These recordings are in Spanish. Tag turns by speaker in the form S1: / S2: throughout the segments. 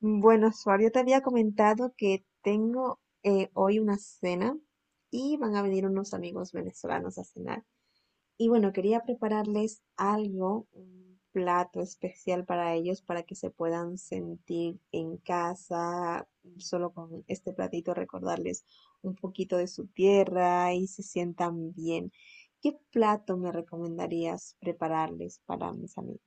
S1: Bueno, Suar, yo te había comentado que tengo hoy una cena y van a venir unos amigos venezolanos a cenar. Y bueno, quería prepararles algo, un plato especial para ellos, para que se puedan sentir en casa, solo con este platito recordarles un poquito de su tierra y se sientan bien. ¿Qué plato me recomendarías prepararles para mis amigos?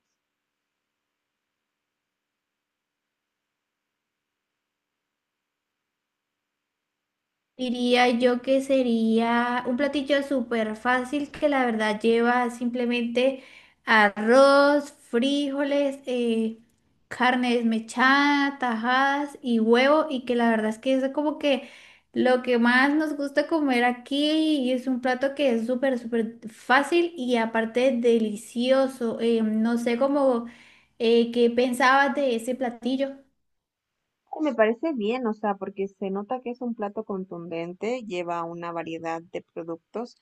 S2: Diría yo que sería un platillo súper fácil que la verdad lleva simplemente arroz, frijoles, carne desmechada, tajadas y huevo, y que la verdad es que es como que lo que más nos gusta comer aquí, y es un plato que es súper, súper fácil y aparte delicioso. No sé cómo, qué pensabas de ese platillo.
S1: Me parece bien, o sea, porque se nota que es un plato contundente, lleva una variedad de productos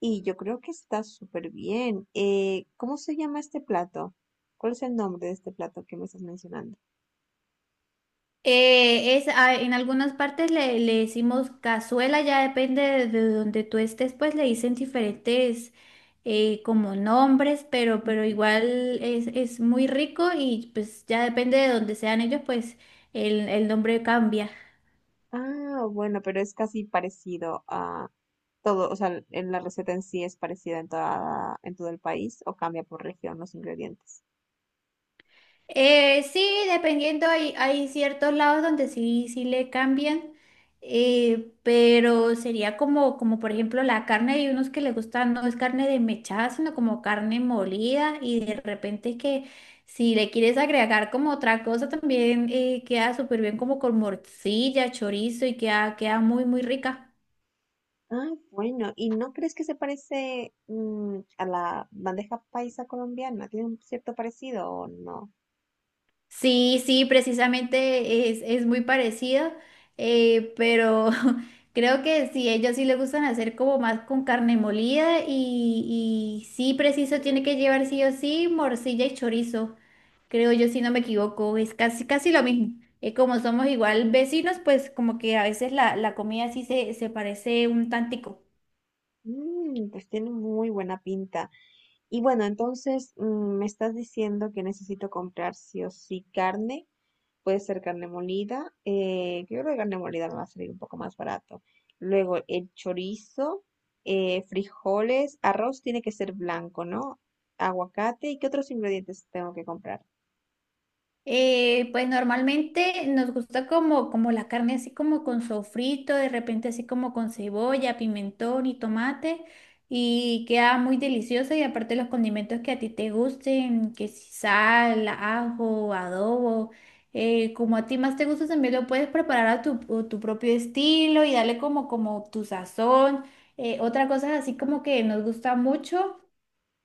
S1: y yo creo que está súper bien. ¿Cómo se llama este plato? ¿Cuál es el nombre de este plato que me estás mencionando?
S2: En algunas partes le decimos cazuela, ya depende de donde tú estés, pues le dicen diferentes como nombres, pero
S1: Ujú.
S2: igual es muy rico, y pues ya depende de donde sean ellos, pues el nombre cambia.
S1: Ah, bueno, pero es casi parecido a todo, o sea, en la receta en sí es parecida en toda, en todo el país o cambia por región los ingredientes.
S2: Sí, dependiendo, hay ciertos lados donde sí, sí le cambian, pero sería como, como por ejemplo la carne, hay unos que les gusta, no es carne desmechada, sino como carne molida, y de repente que si le quieres agregar como otra cosa también queda súper bien como con morcilla, chorizo, y queda, queda muy, muy rica.
S1: Ah, bueno, ¿y no crees que se parece a la bandeja paisa colombiana? ¿Tiene un cierto parecido o no?
S2: Sí, sí, precisamente es muy parecido, pero creo que sí, ellos sí les gustan hacer como más con carne molida, y sí, preciso, tiene que llevar sí o sí morcilla y chorizo, creo yo, si no me equivoco, es casi, casi lo mismo. Como somos igual vecinos, pues como que a veces la comida sí se parece un tantico.
S1: Mm, pues tiene muy buena pinta. Y bueno, entonces me estás diciendo que necesito comprar sí o sí carne. Puede ser carne molida. Yo creo que carne molida me va a salir un poco más barato. Luego el chorizo, frijoles, arroz tiene que ser blanco, ¿no? Aguacate. ¿Y qué otros ingredientes tengo que comprar?
S2: Pues normalmente nos gusta como, como la carne así como con sofrito, de repente así como con cebolla, pimentón y tomate, y queda muy deliciosa, y aparte los condimentos que a ti te gusten, que si sal, ajo, adobo, como a ti más te gusta también lo puedes preparar a tu propio estilo y darle como, como tu sazón. Otra cosa así como que nos gusta mucho.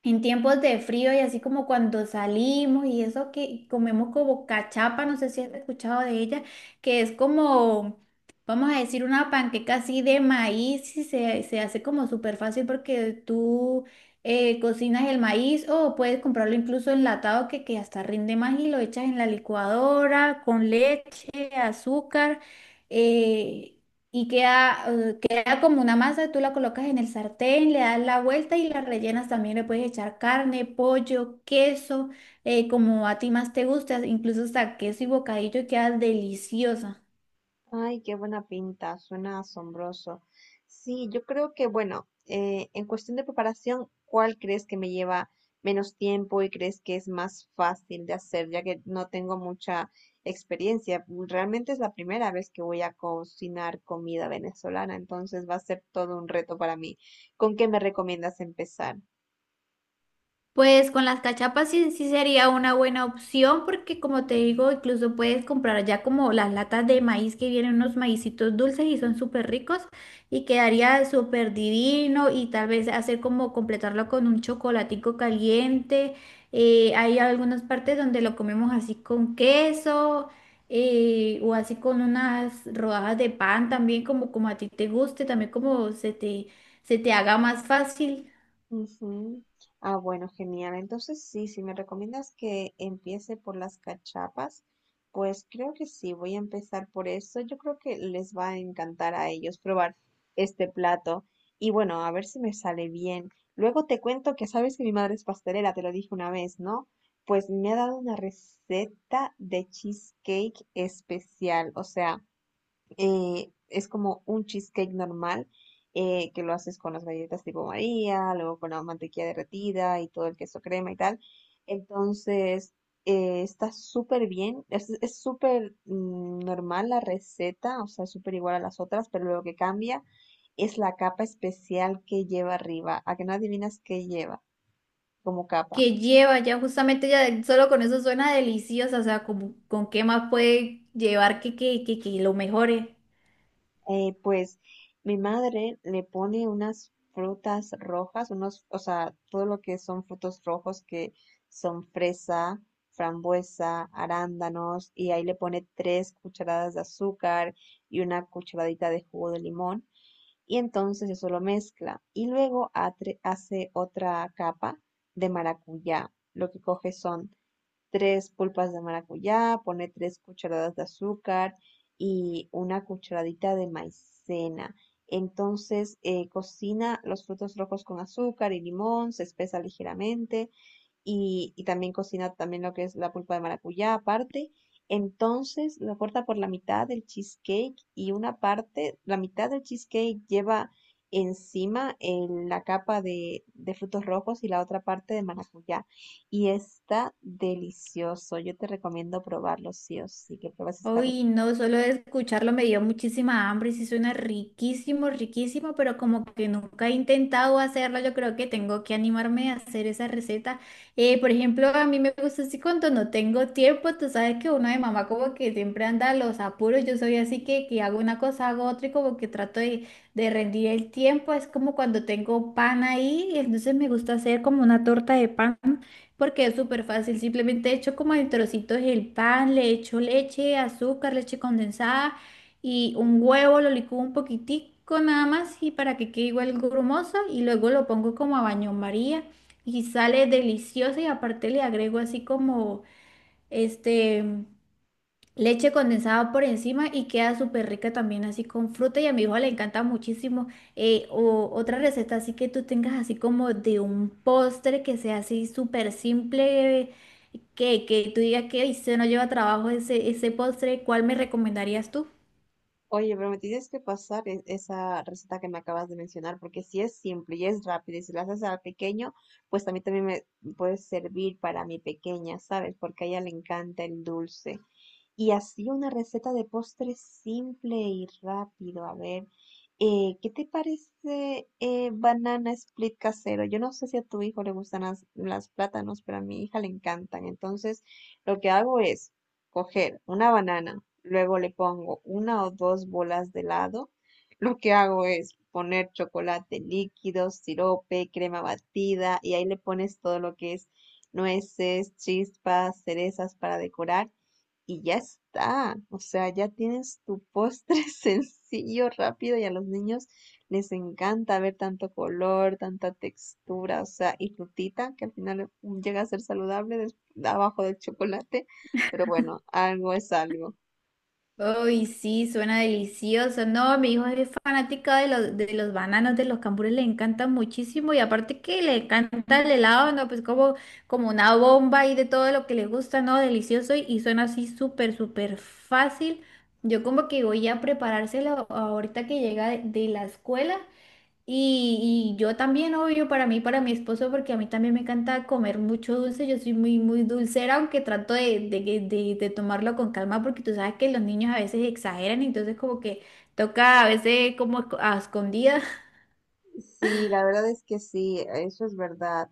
S2: En tiempos de frío y así como cuando salimos y eso, que comemos como cachapa, no sé si has escuchado de ella, que es como, vamos a decir, una panqueca así de maíz, y se hace como súper fácil porque tú cocinas el maíz, o puedes comprarlo incluso enlatado, que hasta rinde más, y lo echas en la licuadora con leche, azúcar, eh, y queda, queda como una masa, tú la colocas en el sartén, le das la vuelta y la rellenas también. Le puedes echar carne, pollo, queso, como a ti más te gusta, incluso hasta queso y bocadillo, y queda deliciosa.
S1: Ay, qué buena pinta, suena asombroso. Sí, yo creo que, bueno, en cuestión de preparación, ¿cuál crees que me lleva menos tiempo y crees que es más fácil de hacer, ya que no tengo mucha experiencia? Realmente es la primera vez que voy a cocinar comida venezolana, entonces va a ser todo un reto para mí. ¿Con qué me recomiendas empezar?
S2: Pues con las cachapas sí, sí sería una buena opción, porque como te digo, incluso puedes comprar ya como las latas de maíz, que vienen unos maicitos dulces y son súper ricos, y quedaría súper divino, y tal vez hacer como completarlo con un chocolatico caliente. Hay algunas partes donde lo comemos así con queso, o así con unas rodajas de pan también, como, como a ti te guste, también como se te haga más fácil.
S1: Ujú. Ah, bueno, genial. Entonces, sí, si me recomiendas que empiece por las cachapas, pues creo que sí, voy a empezar por eso. Yo creo que les va a encantar a ellos probar este plato. Y bueno, a ver si me sale bien. Luego te cuento que sabes que mi madre es pastelera, te lo dije una vez, ¿no? Pues me ha dado una receta de cheesecake especial. O sea, es como un cheesecake normal que lo haces con las galletas tipo María, luego con la mantequilla derretida y todo el queso crema y tal. Entonces, está súper bien, es súper normal la receta, o sea, súper igual a las otras, pero lo que cambia es la capa especial que lleva arriba. ¿A que no adivinas qué lleva como capa?
S2: Que lleva ya justamente, ya solo con eso suena deliciosa, o sea, como, ¿con qué más puede llevar que, que lo mejore?
S1: Pues mi madre le pone unas frutas rojas, unos, o sea, todo lo que son frutos rojos que son fresa, frambuesa, arándanos, y ahí le pone tres cucharadas de azúcar y una cucharadita de jugo de limón, y entonces eso lo mezcla. Y luego hace otra capa de maracuyá. Lo que coge son tres pulpas de maracuyá, pone tres cucharadas de azúcar y una cucharadita de maicena. Entonces cocina los frutos rojos con azúcar y limón, se espesa ligeramente y también cocina también lo que es la pulpa de maracuyá aparte. Entonces lo corta por la mitad del cheesecake y una parte, la mitad del cheesecake lleva encima la capa de frutos rojos y la otra parte de maracuyá. Y está delicioso. Yo te recomiendo probarlo sí o sí, que pruebes esta receta.
S2: Uy, no, solo de escucharlo me dio muchísima hambre, sí suena riquísimo, riquísimo, pero como que nunca he intentado hacerlo, yo creo que tengo que animarme a hacer esa receta. Por ejemplo, a mí me gusta así cuando no tengo tiempo, tú sabes que uno de mamá como que siempre anda a los apuros, yo soy así que hago una cosa, hago otra, y como que trato de rendir el tiempo, es como cuando tengo pan ahí, entonces me gusta hacer como una torta de pan. Porque es súper fácil, simplemente echo como en trocitos el pan, le echo leche, azúcar, leche condensada y un huevo, lo licúo un poquitico nada más, y para que quede igual grumoso, y luego lo pongo como a baño María y sale delicioso, y aparte le agrego así como este leche condensada por encima, y queda súper rica también así con fruta, y a mi hijo le encanta muchísimo. O otra receta así que tú tengas así como de un postre que sea así súper simple, que tú digas que, "Ay, se no lleva trabajo ese, ese postre", ¿cuál me recomendarías tú?
S1: Oye, pero me tienes que pasar esa receta que me acabas de mencionar, porque si es simple y es rápido y si la haces al pequeño, pues a mí también me puede servir para mi pequeña, ¿sabes? Porque a ella le encanta el dulce. Y así una receta de postre simple y rápido. A ver, ¿qué te parece banana split casero? Yo no sé si a tu hijo le gustan las plátanos, pero a mi hija le encantan. Entonces, lo que hago es coger una banana, luego le pongo una o dos bolas de helado. Lo que hago es poner chocolate líquido, sirope, crema batida y ahí le pones todo lo que es nueces, chispas, cerezas para decorar y ya está. O sea, ya tienes tu postre sencillo, rápido y a los niños les encanta ver tanto color, tanta textura, o sea, y frutita, que al final llega a ser saludable abajo del chocolate, pero bueno, algo es algo.
S2: Uy, sí, suena delicioso. No, mi hijo es fanática de los bananos, de los cambures, le encantan muchísimo, y aparte que le encanta el helado, ¿no? Pues como, como una bomba y de todo lo que le gusta, ¿no? Delicioso, y suena así súper, súper fácil. Yo como que voy a preparárselo ahorita que llega de la escuela, y yo también, obvio, para mí, para mi esposo, porque a mí también me encanta comer mucho dulce. Yo soy muy, muy dulcera, aunque trato de, que- de tomarlo con calma, porque tú sabes que los niños a veces exageran, entonces como que toca a veces como esco- a escondidas.
S1: Sí, la verdad es que sí, eso es verdad.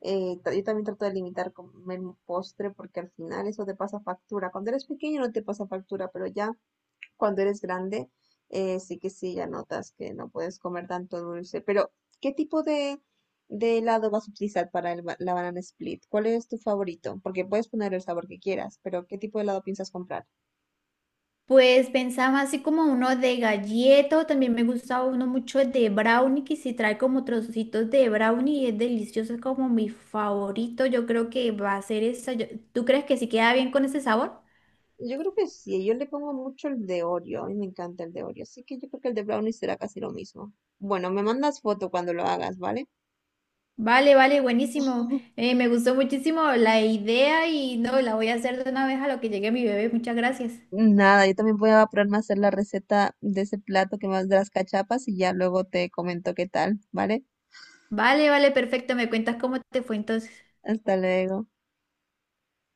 S1: Yo también trato de limitar comer un postre porque al final eso te pasa factura. Cuando eres pequeño no te pasa factura, pero ya cuando eres grande, sí que sí, ya notas que no puedes comer tanto dulce. Pero, ¿qué tipo de helado vas a utilizar para la banana split? ¿Cuál es tu favorito? Porque puedes poner el sabor que quieras, pero ¿qué tipo de helado piensas comprar?
S2: Pues pensaba así como uno de galleta, o también me gusta uno mucho de brownie, que si trae como trocitos de brownie, y es delicioso, es como mi favorito. Yo creo que va a ser esa. Yo- ¿tú crees que si queda bien con ese sabor?
S1: Yo creo que sí, yo le pongo mucho el de Oreo, a mí me encanta el de Oreo, así que yo creo que el de brownie será casi lo mismo. Bueno, me mandas foto cuando lo hagas, ¿vale?
S2: Vale, vale, buenísimo. Me gustó muchísimo la idea, y no, la voy a hacer de una vez a lo que llegue mi bebé. Muchas gracias.
S1: Nada, yo también voy a ponerme a hacer la receta de ese plato que más de las cachapas y ya luego te comento qué tal, ¿vale?
S2: Vale, vale, perfecto. Me cuentas cómo te fue entonces.
S1: Hasta luego.